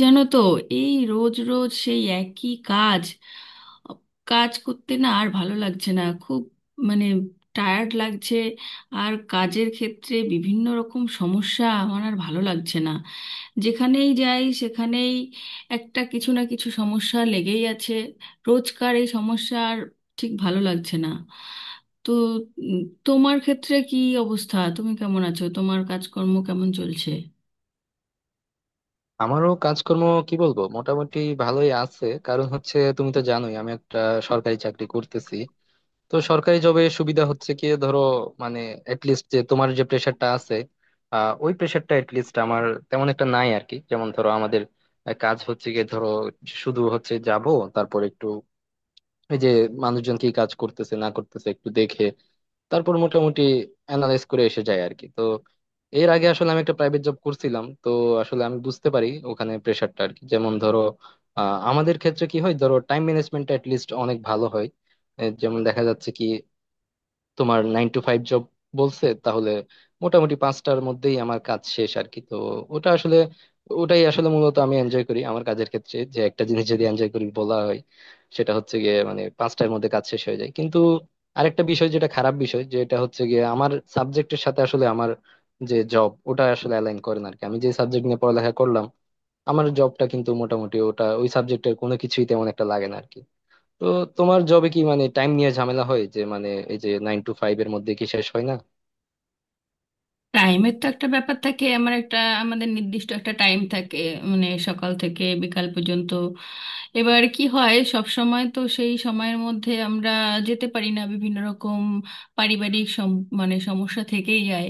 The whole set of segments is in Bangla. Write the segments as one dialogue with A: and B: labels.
A: জানো তো, এই রোজ রোজ সেই একই কাজ কাজ করতে না আর ভালো লাগছে না খুব, মানে টায়ার্ড লাগছে। আর কাজের ক্ষেত্রে বিভিন্ন রকম সমস্যা, আমার আর ভালো লাগছে না। যেখানেই যাই সেখানেই একটা কিছু না কিছু সমস্যা লেগেই আছে, রোজকার এই সমস্যা আর ঠিক ভালো লাগছে না। তো উম, তোমার ক্ষেত্রে কি অবস্থা, তুমি কেমন আছো, তোমার কাজকর্ম কেমন চলছে?
B: আমারও কাজকর্ম কি বলবো মোটামুটি ভালোই আছে, কারণ হচ্ছে তুমি তো জানোই আমি একটা সরকারি চাকরি করতেছি। তো সরকারি জবে সুবিধা হচ্ছে কি ধরো, মানে লিস্ট যে তোমার যে প্রেশারটা আছে ওই প্রেশারটা লিস্ট আমার তেমন একটা নাই আর কি। যেমন ধরো আমাদের কাজ হচ্ছে গিয়ে ধরো শুধু হচ্ছে যাব, তারপর একটু এই যে মানুষজন কি কাজ করতেছে না করতেছে একটু দেখে, তারপর মোটামুটি অ্যানালাইজ করে এসে যায় আর কি। তো এর আগে আসলে আমি একটা প্রাইভেট জব করছিলাম, তো আসলে আমি বুঝতে পারি ওখানে প্রেশারটা আর কি। যেমন ধরো আমাদের ক্ষেত্রে কি হয় ধরো টাইম ম্যানেজমেন্ট লিস্ট অনেক ভালো হয়। যেমন দেখা যাচ্ছে কি তোমার 9 to 5 জব বলছে, তাহলে মোটামুটি 5টার মধ্যেই আমার কাজ শেষ আর কি। তো ওটা আসলে ওটাই আসলে মূলত আমি এনজয় করি আমার কাজের ক্ষেত্রে, যে একটা জিনিস যদি এনজয় করি বলা হয় সেটা হচ্ছে গিয়ে মানে 5টার মধ্যে কাজ শেষ হয়ে যায়। কিন্তু আরেকটা বিষয়, যেটা খারাপ বিষয়, যেটা হচ্ছে গিয়ে আমার সাবজেক্টের সাথে আসলে আমার যে জব ওটা আসলে অ্যালাইন করে না আর কি। আমি যে সাবজেক্ট নিয়ে পড়ালেখা করলাম আমার জবটা কিন্তু মোটামুটি ওটা ওই সাবজেক্টের কোনো কিছুই তেমন একটা লাগে না। তো তোমার জবে কি মানে টাইম নিয়ে ঝামেলা হয়, যে মানে এই যে 9 to 5 এর মধ্যে কি শেষ হয় না?
A: টাইমের তো একটা ব্যাপার থাকে, আমার একটা আমাদের নির্দিষ্ট একটা টাইম থাকে, মানে সকাল থেকে বিকাল পর্যন্ত। এবার কি হয়, সব সময় তো সেই সময়ের মধ্যে আমরা যেতে পারি না, বিভিন্ন রকম পারিবারিক মানে সমস্যা থেকেই যায়।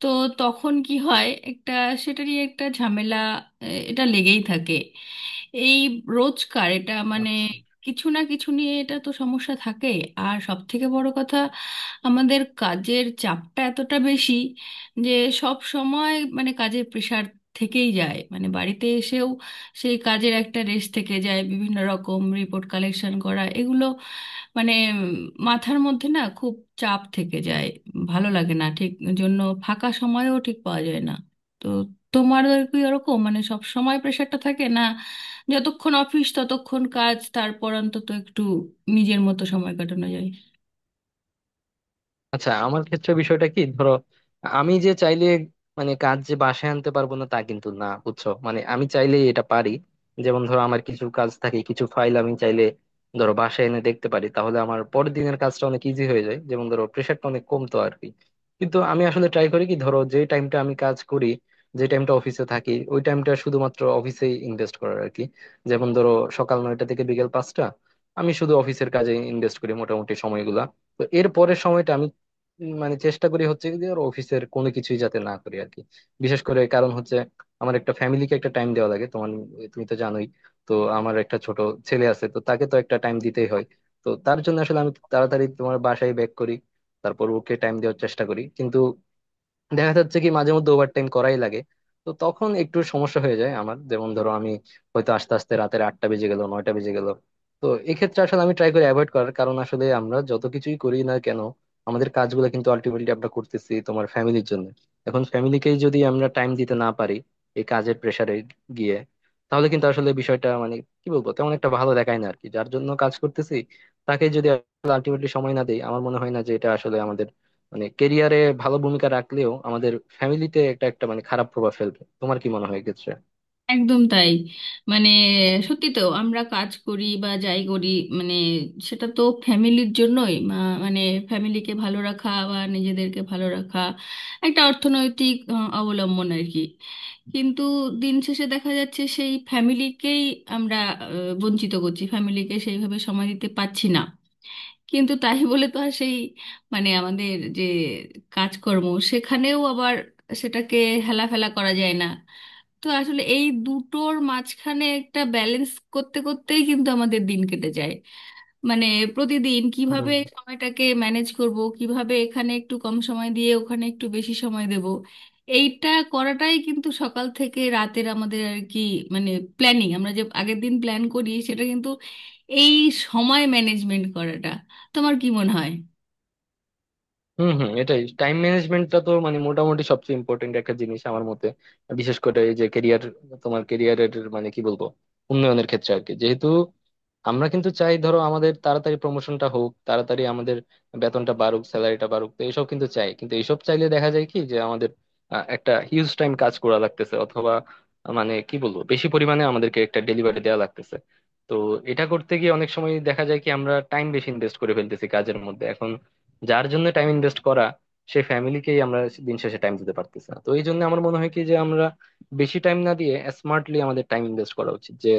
A: তো তখন কি হয়, একটা সেটারই একটা ঝামেলা, এটা লেগেই থাকে। এই রোজকার এটা, মানে কিছু না কিছু নিয়ে এটা তো সমস্যা থাকে। আর সব থেকে বড় কথা, আমাদের কাজের চাপটা এতটা বেশি যে সব সময় মানে কাজের প্রেশার থেকেই যায়, মানে বাড়িতে এসেও সেই কাজের একটা রেশ থেকে যায়, বিভিন্ন রকম রিপোর্ট কালেকশন করা এগুলো, মানে মাথার মধ্যে না খুব চাপ থেকে যায়। ভালো লাগে না ঠিক, জন্য ফাঁকা সময়ও ঠিক পাওয়া যায় না। তো তোমার কি ওরকম মানে সব সময় প্রেশারটা থাকে না? যতক্ষণ অফিস ততক্ষণ কাজ, তারপর অন্তত একটু নিজের মতো সময় কাটানো যায়?
B: আচ্ছা, আমার ক্ষেত্রে বিষয়টা কি ধরো, আমি যে চাইলে মানে কাজ যে বাসায় আনতে পারবো না তা কিন্তু না, বুঝছো, মানে আমি চাইলে এটা পারি। যেমন ধরো আমার কিছু কাজ থাকে, কিছু ফাইল আমি চাইলে ধরো বাসায় এনে দেখতে পারি, তাহলে আমার পরের দিনের কাজটা অনেক ইজি হয়ে যায়, যেমন ধরো প্রেশারটা অনেক কমতো আর কি। কিন্তু আমি আসলে ট্রাই করি কি ধরো যে টাইমটা আমি কাজ করি, যে টাইমটা অফিসে থাকি ওই টাইমটা শুধুমাত্র অফিসেই ইনভেস্ট করার আর কি। যেমন ধরো সকাল 9টা থেকে বিকেল 5টা আমি শুধু অফিসের কাজে ইনভেস্ট করি মোটামুটি সময়গুলা। তো এর পরের সময়টা মানে চেষ্টা করি হচ্ছে কি যে ওর অফিসের কোনো কিছুই যাতে না করি আর কি। বিশেষ করে কারণ হচ্ছে আমার একটা ফ্যামিলিকে একটা টাইম দেওয়া লাগে তোমার, তুমি তো জানোই। তো আমার একটা ছোট ছেলে আছে, তো তাকে তো একটা টাইম দিতেই হয়। তো তার জন্য আসলে আমি তাড়াতাড়ি তোমার বাসায় ব্যাক করি, তারপর ওকে টাইম দেওয়ার চেষ্টা করি, কিন্তু দেখা যাচ্ছে কি মাঝে মধ্যে ওভারটাইম করাই লাগে। তো তখন একটু সমস্যা হয়ে যায় আমার, যেমন ধরো আমি হয়তো আস্তে আস্তে রাতের 8টা বেজে গেল, 9টা বেজে গেল। তো এক্ষেত্রে আসলে আমি ট্রাই করি অ্যাভয়েড করার, কারণ আসলে আমরা যত কিছুই করি না কেন আমাদের কাজগুলো কিন্তু আলটিমেটলি আমরা করতেছি তোমার ফ্যামিলির জন্য। এখন ফ্যামিলিকেই যদি আমরা টাইম দিতে না পারি এই কাজের প্রেসারে গিয়ে, তাহলে কিন্তু আসলে বিষয়টা মানে কি বলবো তেমন একটা ভালো দেখায় না আর কি। যার জন্য কাজ করতেছি তাকে যদি আলটিমেটলি সময় না দেই, আমার মনে হয় না যে এটা আসলে আমাদের মানে কেরিয়ারে ভালো ভূমিকা রাখলেও আমাদের ফ্যামিলিতে একটা একটা মানে খারাপ প্রভাব ফেলবে। তোমার কি মনে হয় এক্ষেত্রে?
A: একদম তাই, মানে সত্যি তো আমরা কাজ করি বা যাই করি, মানে সেটা তো ফ্যামিলির জন্যই, মানে ফ্যামিলিকে ভালো রাখা বা নিজেদেরকে ভালো রাখা, একটা অর্থনৈতিক অবলম্বন আর কি। কিন্তু দিন শেষে দেখা যাচ্ছে সেই ফ্যামিলিকেই আমরা বঞ্চিত করছি, ফ্যামিলিকে সেইভাবে সময় দিতে পারছি না। কিন্তু তাই বলে তো আর সেই মানে আমাদের যে কাজকর্ম, সেখানেও আবার সেটাকে হেলাফেলা করা যায় না। তো আসলে এই দুটোর মাঝখানে একটা ব্যালেন্স করতে করতেই কিন্তু আমাদের দিন কেটে যায়। মানে প্রতিদিন কিভাবে সময়টাকে ম্যানেজ করব, কিভাবে এখানে একটু কম সময় দিয়ে ওখানে একটু বেশি সময় দেব, এইটা করাটাই কিন্তু সকাল থেকে রাতের আমাদের আর কি, মানে প্ল্যানিং। আমরা যে আগের দিন প্ল্যান করি সেটা কিন্তু এই সময় ম্যানেজমেন্ট করাটা, তোমার কি মনে হয়?
B: হম হম, এটাই। টাইম ম্যানেজমেন্টটা তো মানে মোটামুটি সবচেয়ে ইম্পর্টেন্ট একটা জিনিস আমার মতে, বিশেষ করে এই যে কেরিয়ার, তোমার কেরিয়ারের মানে কি বলবো উন্নয়নের ক্ষেত্রে আর কি। যেহেতু আমরা কিন্তু চাই ধরো আমাদের তাড়াতাড়ি প্রমোশনটা হোক, তাড়াতাড়ি আমাদের বেতনটা বাড়ুক, স্যালারিটা বাড়ুক, তো এইসব কিন্তু চাই। কিন্তু এইসব চাইলে দেখা যায় কি যে আমাদের একটা হিউজ টাইম কাজ করা লাগতেছে, অথবা মানে কি বলবো বেশি পরিমাণে আমাদেরকে একটা ডেলিভারি দেওয়া লাগতেছে। তো এটা করতে গিয়ে অনেক সময় দেখা যায় কি আমরা টাইম বেশি ইনভেস্ট করে ফেলতেছি কাজের মধ্যে। এখন যার জন্য টাইম ইনভেস্ট করা, সে ফ্যামিলিকেই আমরা দিন শেষে টাইম দিতে পারতেছি না। তো এই জন্য আমার মনে হয় কি যে আমরা বেশি টাইম না দিয়ে স্মার্টলি আমাদের টাইম ইনভেস্ট করা উচিত, যে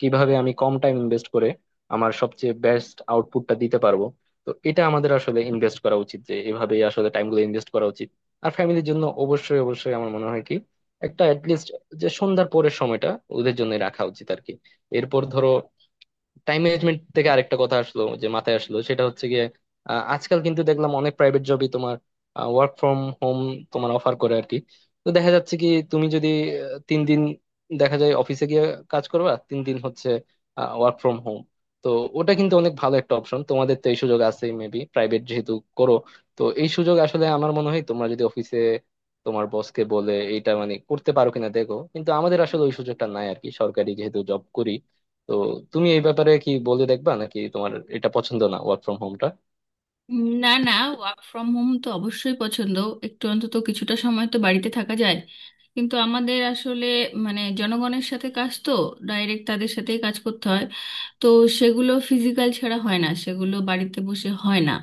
B: কিভাবে আমি কম টাইম ইনভেস্ট করে আমার সবচেয়ে বেস্ট আউটপুটটা দিতে পারবো। তো এটা আমাদের আসলে ইনভেস্ট করা উচিত, যে এভাবেই আসলে টাইম গুলো ইনভেস্ট করা উচিত। আর ফ্যামিলির জন্য অবশ্যই অবশ্যই আমার মনে হয় কি একটা অ্যাটলিস্ট, যে সন্ধ্যার পরের সময়টা ওদের জন্য রাখা উচিত আর কি। এরপর ধরো টাইম ম্যানেজমেন্ট থেকে আরেকটা কথা আসলো, যে মাথায় আসলো সেটা হচ্ছে গিয়ে আজকাল কিন্তু দেখলাম অনেক প্রাইভেট জবই তোমার ওয়ার্ক ফ্রম হোম তোমার অফার করে আর কি। তো দেখা যাচ্ছে কি তুমি যদি 3 দিন দেখা যায় অফিসে গিয়ে কাজ করবা, 3 দিন হচ্ছে ওয়ার্ক ফ্রম হোম। তো ওটা কিন্তু অনেক ভালো একটা অপশন, তোমাদের তো এই সুযোগ আছে মেবি, প্রাইভেট যেহেতু করো। তো এই সুযোগ আসলে আমার মনে হয় তোমরা যদি অফিসে তোমার বসকে বলে এইটা মানে করতে পারো কিনা দেখো। কিন্তু আমাদের আসলে ওই সুযোগটা নাই আর কি, সরকারি যেহেতু জব করি। তো তুমি এই ব্যাপারে কি বলে দেখবা নাকি, তোমার এটা পছন্দ না ওয়ার্ক ফ্রম হোমটা?
A: না না, ওয়ার্ক ফ্রম হোম তো অবশ্যই পছন্দ, একটু অন্তত কিছুটা সময় তো বাড়িতে থাকা যায়। কিন্তু আমাদের আসলে মানে জনগণের সাথে কাজ তো, ডাইরেক্ট তাদের সাথেই কাজ করতে হয়। তো সেগুলো ফিজিক্যাল ছাড়া হয় না, সেগুলো বাড়িতে বসে হয় না,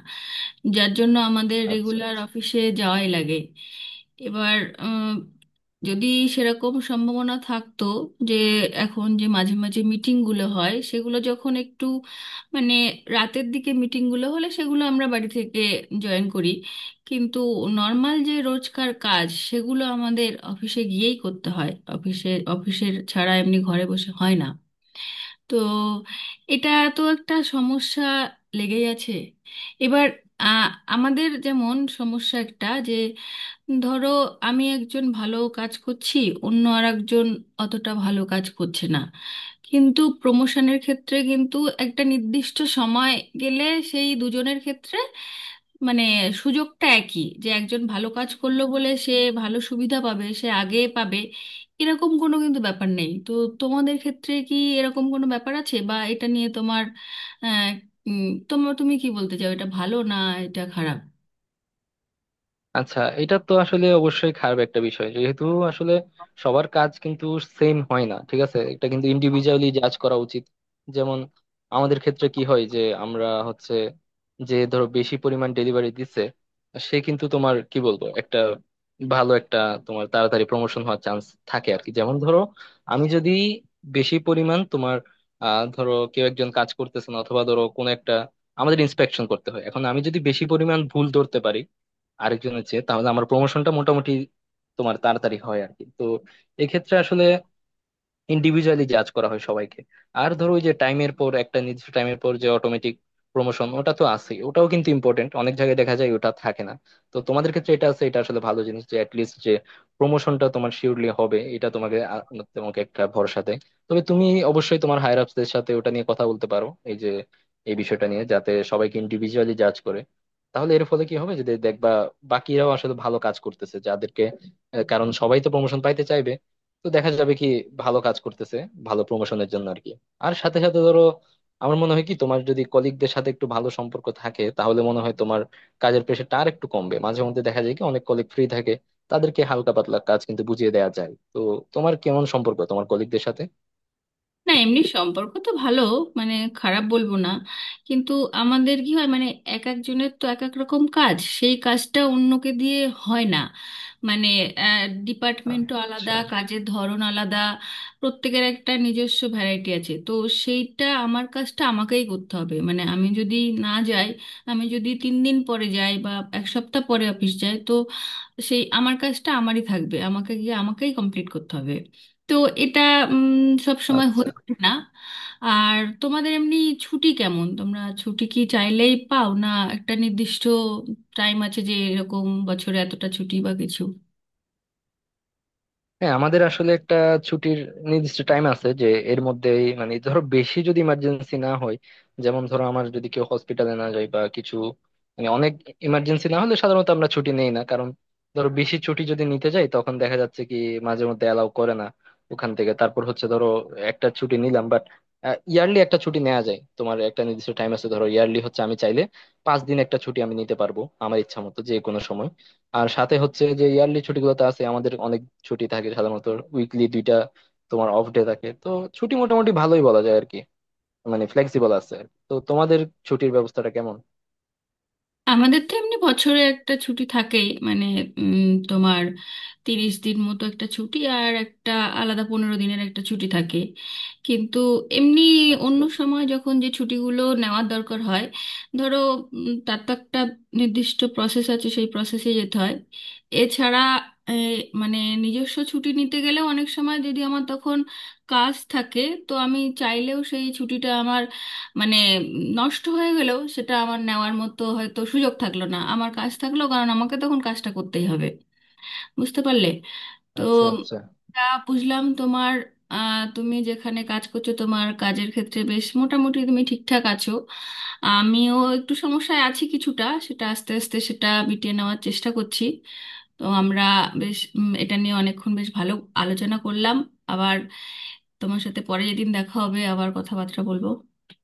A: যার জন্য আমাদের
B: আচ্ছা
A: রেগুলার
B: আচ্ছা।
A: অফিসে যাওয়াই লাগে। এবার উম, যদি সেরকম সম্ভাবনা থাকতো যে এখন যে মাঝে মাঝে মিটিংগুলো হয় সেগুলো যখন একটু মানে রাতের দিকে মিটিংগুলো হলে সেগুলো আমরা বাড়ি থেকে জয়েন করি, কিন্তু নর্মাল যে রোজকার কাজ সেগুলো আমাদের অফিসে গিয়েই করতে হয়। অফিসে, অফিসের ছাড়া এমনি ঘরে বসে হয় না। তো এটা তো একটা সমস্যা লেগেই আছে। এবার আ, আমাদের যেমন সমস্যা একটা যে ধরো আমি একজন ভালো কাজ করছি, অন্য আর একজন অতটা ভালো কাজ করছে না, কিন্তু প্রমোশনের ক্ষেত্রে কিন্তু একটা নির্দিষ্ট সময় গেলে সেই দুজনের ক্ষেত্রে মানে সুযোগটা একই, যে একজন ভালো কাজ করলো বলে সে ভালো সুবিধা পাবে, সে আগে পাবে, এরকম কোনো কিন্তু ব্যাপার নেই তো। তোমাদের ক্ষেত্রে কি এরকম কোনো ব্যাপার আছে, বা এটা নিয়ে তোমার আহ, তোমার তুমি কি বলতে চাও, এটা ভালো না এটা খারাপ?
B: আচ্ছা, এটা তো আসলে অবশ্যই খারাপ একটা বিষয়, যেহেতু আসলে সবার কাজ কিন্তু সেম হয় না। ঠিক আছে, এটা কিন্তু ইন্ডিভিজুয়ালি জাজ করা উচিত। যেমন আমাদের ক্ষেত্রে কি হয় যে আমরা হচ্ছে যে ধরো বেশি পরিমাণ ডেলিভারি দিচ্ছে, সে কিন্তু তোমার কি বলবো একটা ভালো, একটা তোমার তাড়াতাড়ি প্রমোশন হওয়ার চান্স থাকে আর কি। যেমন ধরো আমি যদি বেশি পরিমাণ তোমার ধরো কেউ একজন কাজ করতেছে না, অথবা ধরো কোনো একটা আমাদের ইন্সপেকশন করতে হয়, এখন আমি যদি বেশি পরিমাণ ভুল ধরতে পারি আরেকজন হচ্ছে, তাহলে আমার প্রমোশনটা মোটামুটি তোমার তাড়াতাড়ি হয় আর কি। তো এক্ষেত্রে আসলে ইন্ডিভিজুয়ালি জাজ করা হয় সবাইকে। আর ধরো ওই যে টাইমের পর, একটা নির্দিষ্ট টাইমের পর যে অটোমেটিক প্রমোশন ওটা তো আছেই, ওটাও কিন্তু ইম্পর্টেন্ট। অনেক জায়গায় দেখা যায় ওটা থাকে না। তো তোমাদের ক্ষেত্রে এটা আছে, এটা আসলে ভালো জিনিস, যে অ্যাটলিস্ট যে প্রমোশনটা তোমার শিওরলি হবে, এটা তোমাকে তোমাকে একটা ভরসা দেয়। তবে তুমি অবশ্যই তোমার হায়ার আপসদের সাথে ওটা নিয়ে কথা বলতে পারো, এই যে এই বিষয়টা নিয়ে, যাতে সবাইকে ইন্ডিভিজুয়ালি জাজ করে। তাহলে এর ফলে কি হবে, যে দেখবা বাকিরাও আসলে ভালো কাজ করতেছে, যাদেরকে কারণ সবাই তো প্রমোশন পাইতে চাইবে। তো দেখা যাবে কি ভালো কাজ করতেছে ভালো প্রমোশনের জন্য আর কি। আর সাথে সাথে ধরো আমার মনে হয় কি তোমার যদি কলিগদের সাথে একটু ভালো সম্পর্ক থাকে, তাহলে মনে হয় তোমার কাজের প্রেশারটা আর একটু কমবে। মাঝে মধ্যে দেখা যায় কি অনেক কলিগ ফ্রি থাকে, তাদেরকে হালকা পাতলা কাজ কিন্তু বুঝিয়ে দেওয়া যায়। তো তোমার কেমন সম্পর্ক তোমার কলিগদের সাথে?
A: না, এমনি সম্পর্ক তো ভালো, মানে খারাপ বলবো না। কিন্তু আমাদের কি হয় মানে এক একজনের তো এক এক রকম কাজ, সেই কাজটা অন্যকে দিয়ে হয় না, মানে ডিপার্টমেন্টও আলাদা,
B: আচ্ছা
A: কাজের ধরন আলাদা। প্রত্যেকের একটা নিজস্ব ভ্যারাইটি আছে তো, সেইটা আমার কাজটা আমাকেই করতে হবে। মানে আমি যদি না যাই, আমি যদি 3 দিন পরে যাই বা এক সপ্তাহ পরে অফিস যাই, তো তো সেই আমার কাজটা আমারই থাকবে, আমাকে গিয়ে আমাকেই কমপ্লিট করতে হবে। তো এটা সব সময়
B: আচ্ছা।
A: হয়ে ওঠে না। আর তোমাদের এমনি ছুটি কেমন, তোমরা ছুটি কি চাইলেই পাও না? একটা নির্দিষ্ট টাইম আছে যে এরকম বছরে এতটা ছুটি বা কিছু?
B: হ্যাঁ, আমাদের আসলে একটা ছুটির নির্দিষ্ট টাইম আছে, যে এর মধ্যে মানে ধরো বেশি যদি ইমার্জেন্সি না হয়, যেমন ধরো আমার যদি কেউ হসপিটালে না যায় বা কিছু, মানে অনেক ইমার্জেন্সি না হলে সাধারণত আমরা ছুটি নেই না। কারণ ধরো বেশি ছুটি যদি নিতে যাই তখন দেখা যাচ্ছে কি মাঝে মধ্যে অ্যালাউ করে না ওখান থেকে। তারপর হচ্ছে ধরো একটা ছুটি নিলাম, বাট ইয়ারলি একটা ছুটি নেওয়া যায় তোমার, একটা নির্দিষ্ট টাইম আছে ধরো, ইয়ারলি হচ্ছে আমি চাইলে 5 দিন একটা ছুটি আমি নিতে পারবো আমার ইচ্ছা মতো যে কোনো সময়। আর সাথে হচ্ছে যে ইয়ারলি ছুটিগুলোতে আছে আমাদের অনেক ছুটি থাকে সাধারণত। উইকলি দুইটা তোমার অফ ডে থাকে, তো ছুটি মোটামুটি ভালোই বলা যায় আর কি, মানে ফ্লেক্সিবল আছে আর কি। তো তোমাদের ছুটির ব্যবস্থাটা কেমন?
A: আমাদের তো এমনি বছরে একটা ছুটি থাকেই, মানে তোমার 30 দিন মতো একটা ছুটি, আর একটা আলাদা পনেরো দিনের একটা ছুটি থাকে। কিন্তু এমনি
B: আচ্ছা
A: অন্য সময় যখন যে ছুটিগুলো নেওয়ার দরকার হয় ধরো, তার তো একটা নির্দিষ্ট প্রসেস আছে, সেই প্রসেসে যেতে হয়। এছাড়া এ, মানে নিজস্ব ছুটি নিতে গেলে অনেক সময় যদি আমার তখন কাজ থাকে, তো আমি চাইলেও সেই ছুটিটা আমার মানে নষ্ট হয়ে গেলেও সেটা আমার নেওয়ার মতো হয়তো সুযোগ থাকলো না, আমার কাজ থাকলো, কারণ আমাকে তখন কাজটা করতেই হবে, বুঝতে পারলে? তো
B: আচ্ছা আচ্ছা।
A: তা, বুঝলাম তোমার তুমি যেখানে কাজ করছো তোমার কাজের ক্ষেত্রে বেশ মোটামুটি তুমি ঠিকঠাক আছো। আমিও একটু সমস্যায় আছি কিছুটা, সেটা আস্তে আস্তে সেটা মিটিয়ে নেওয়ার চেষ্টা করছি। তো আমরা বেশ এটা নিয়ে অনেকক্ষণ বেশ ভালো আলোচনা করলাম। আবার তোমার সাথে পরে যেদিন দেখা হবে আবার কথাবার্তা বলবো।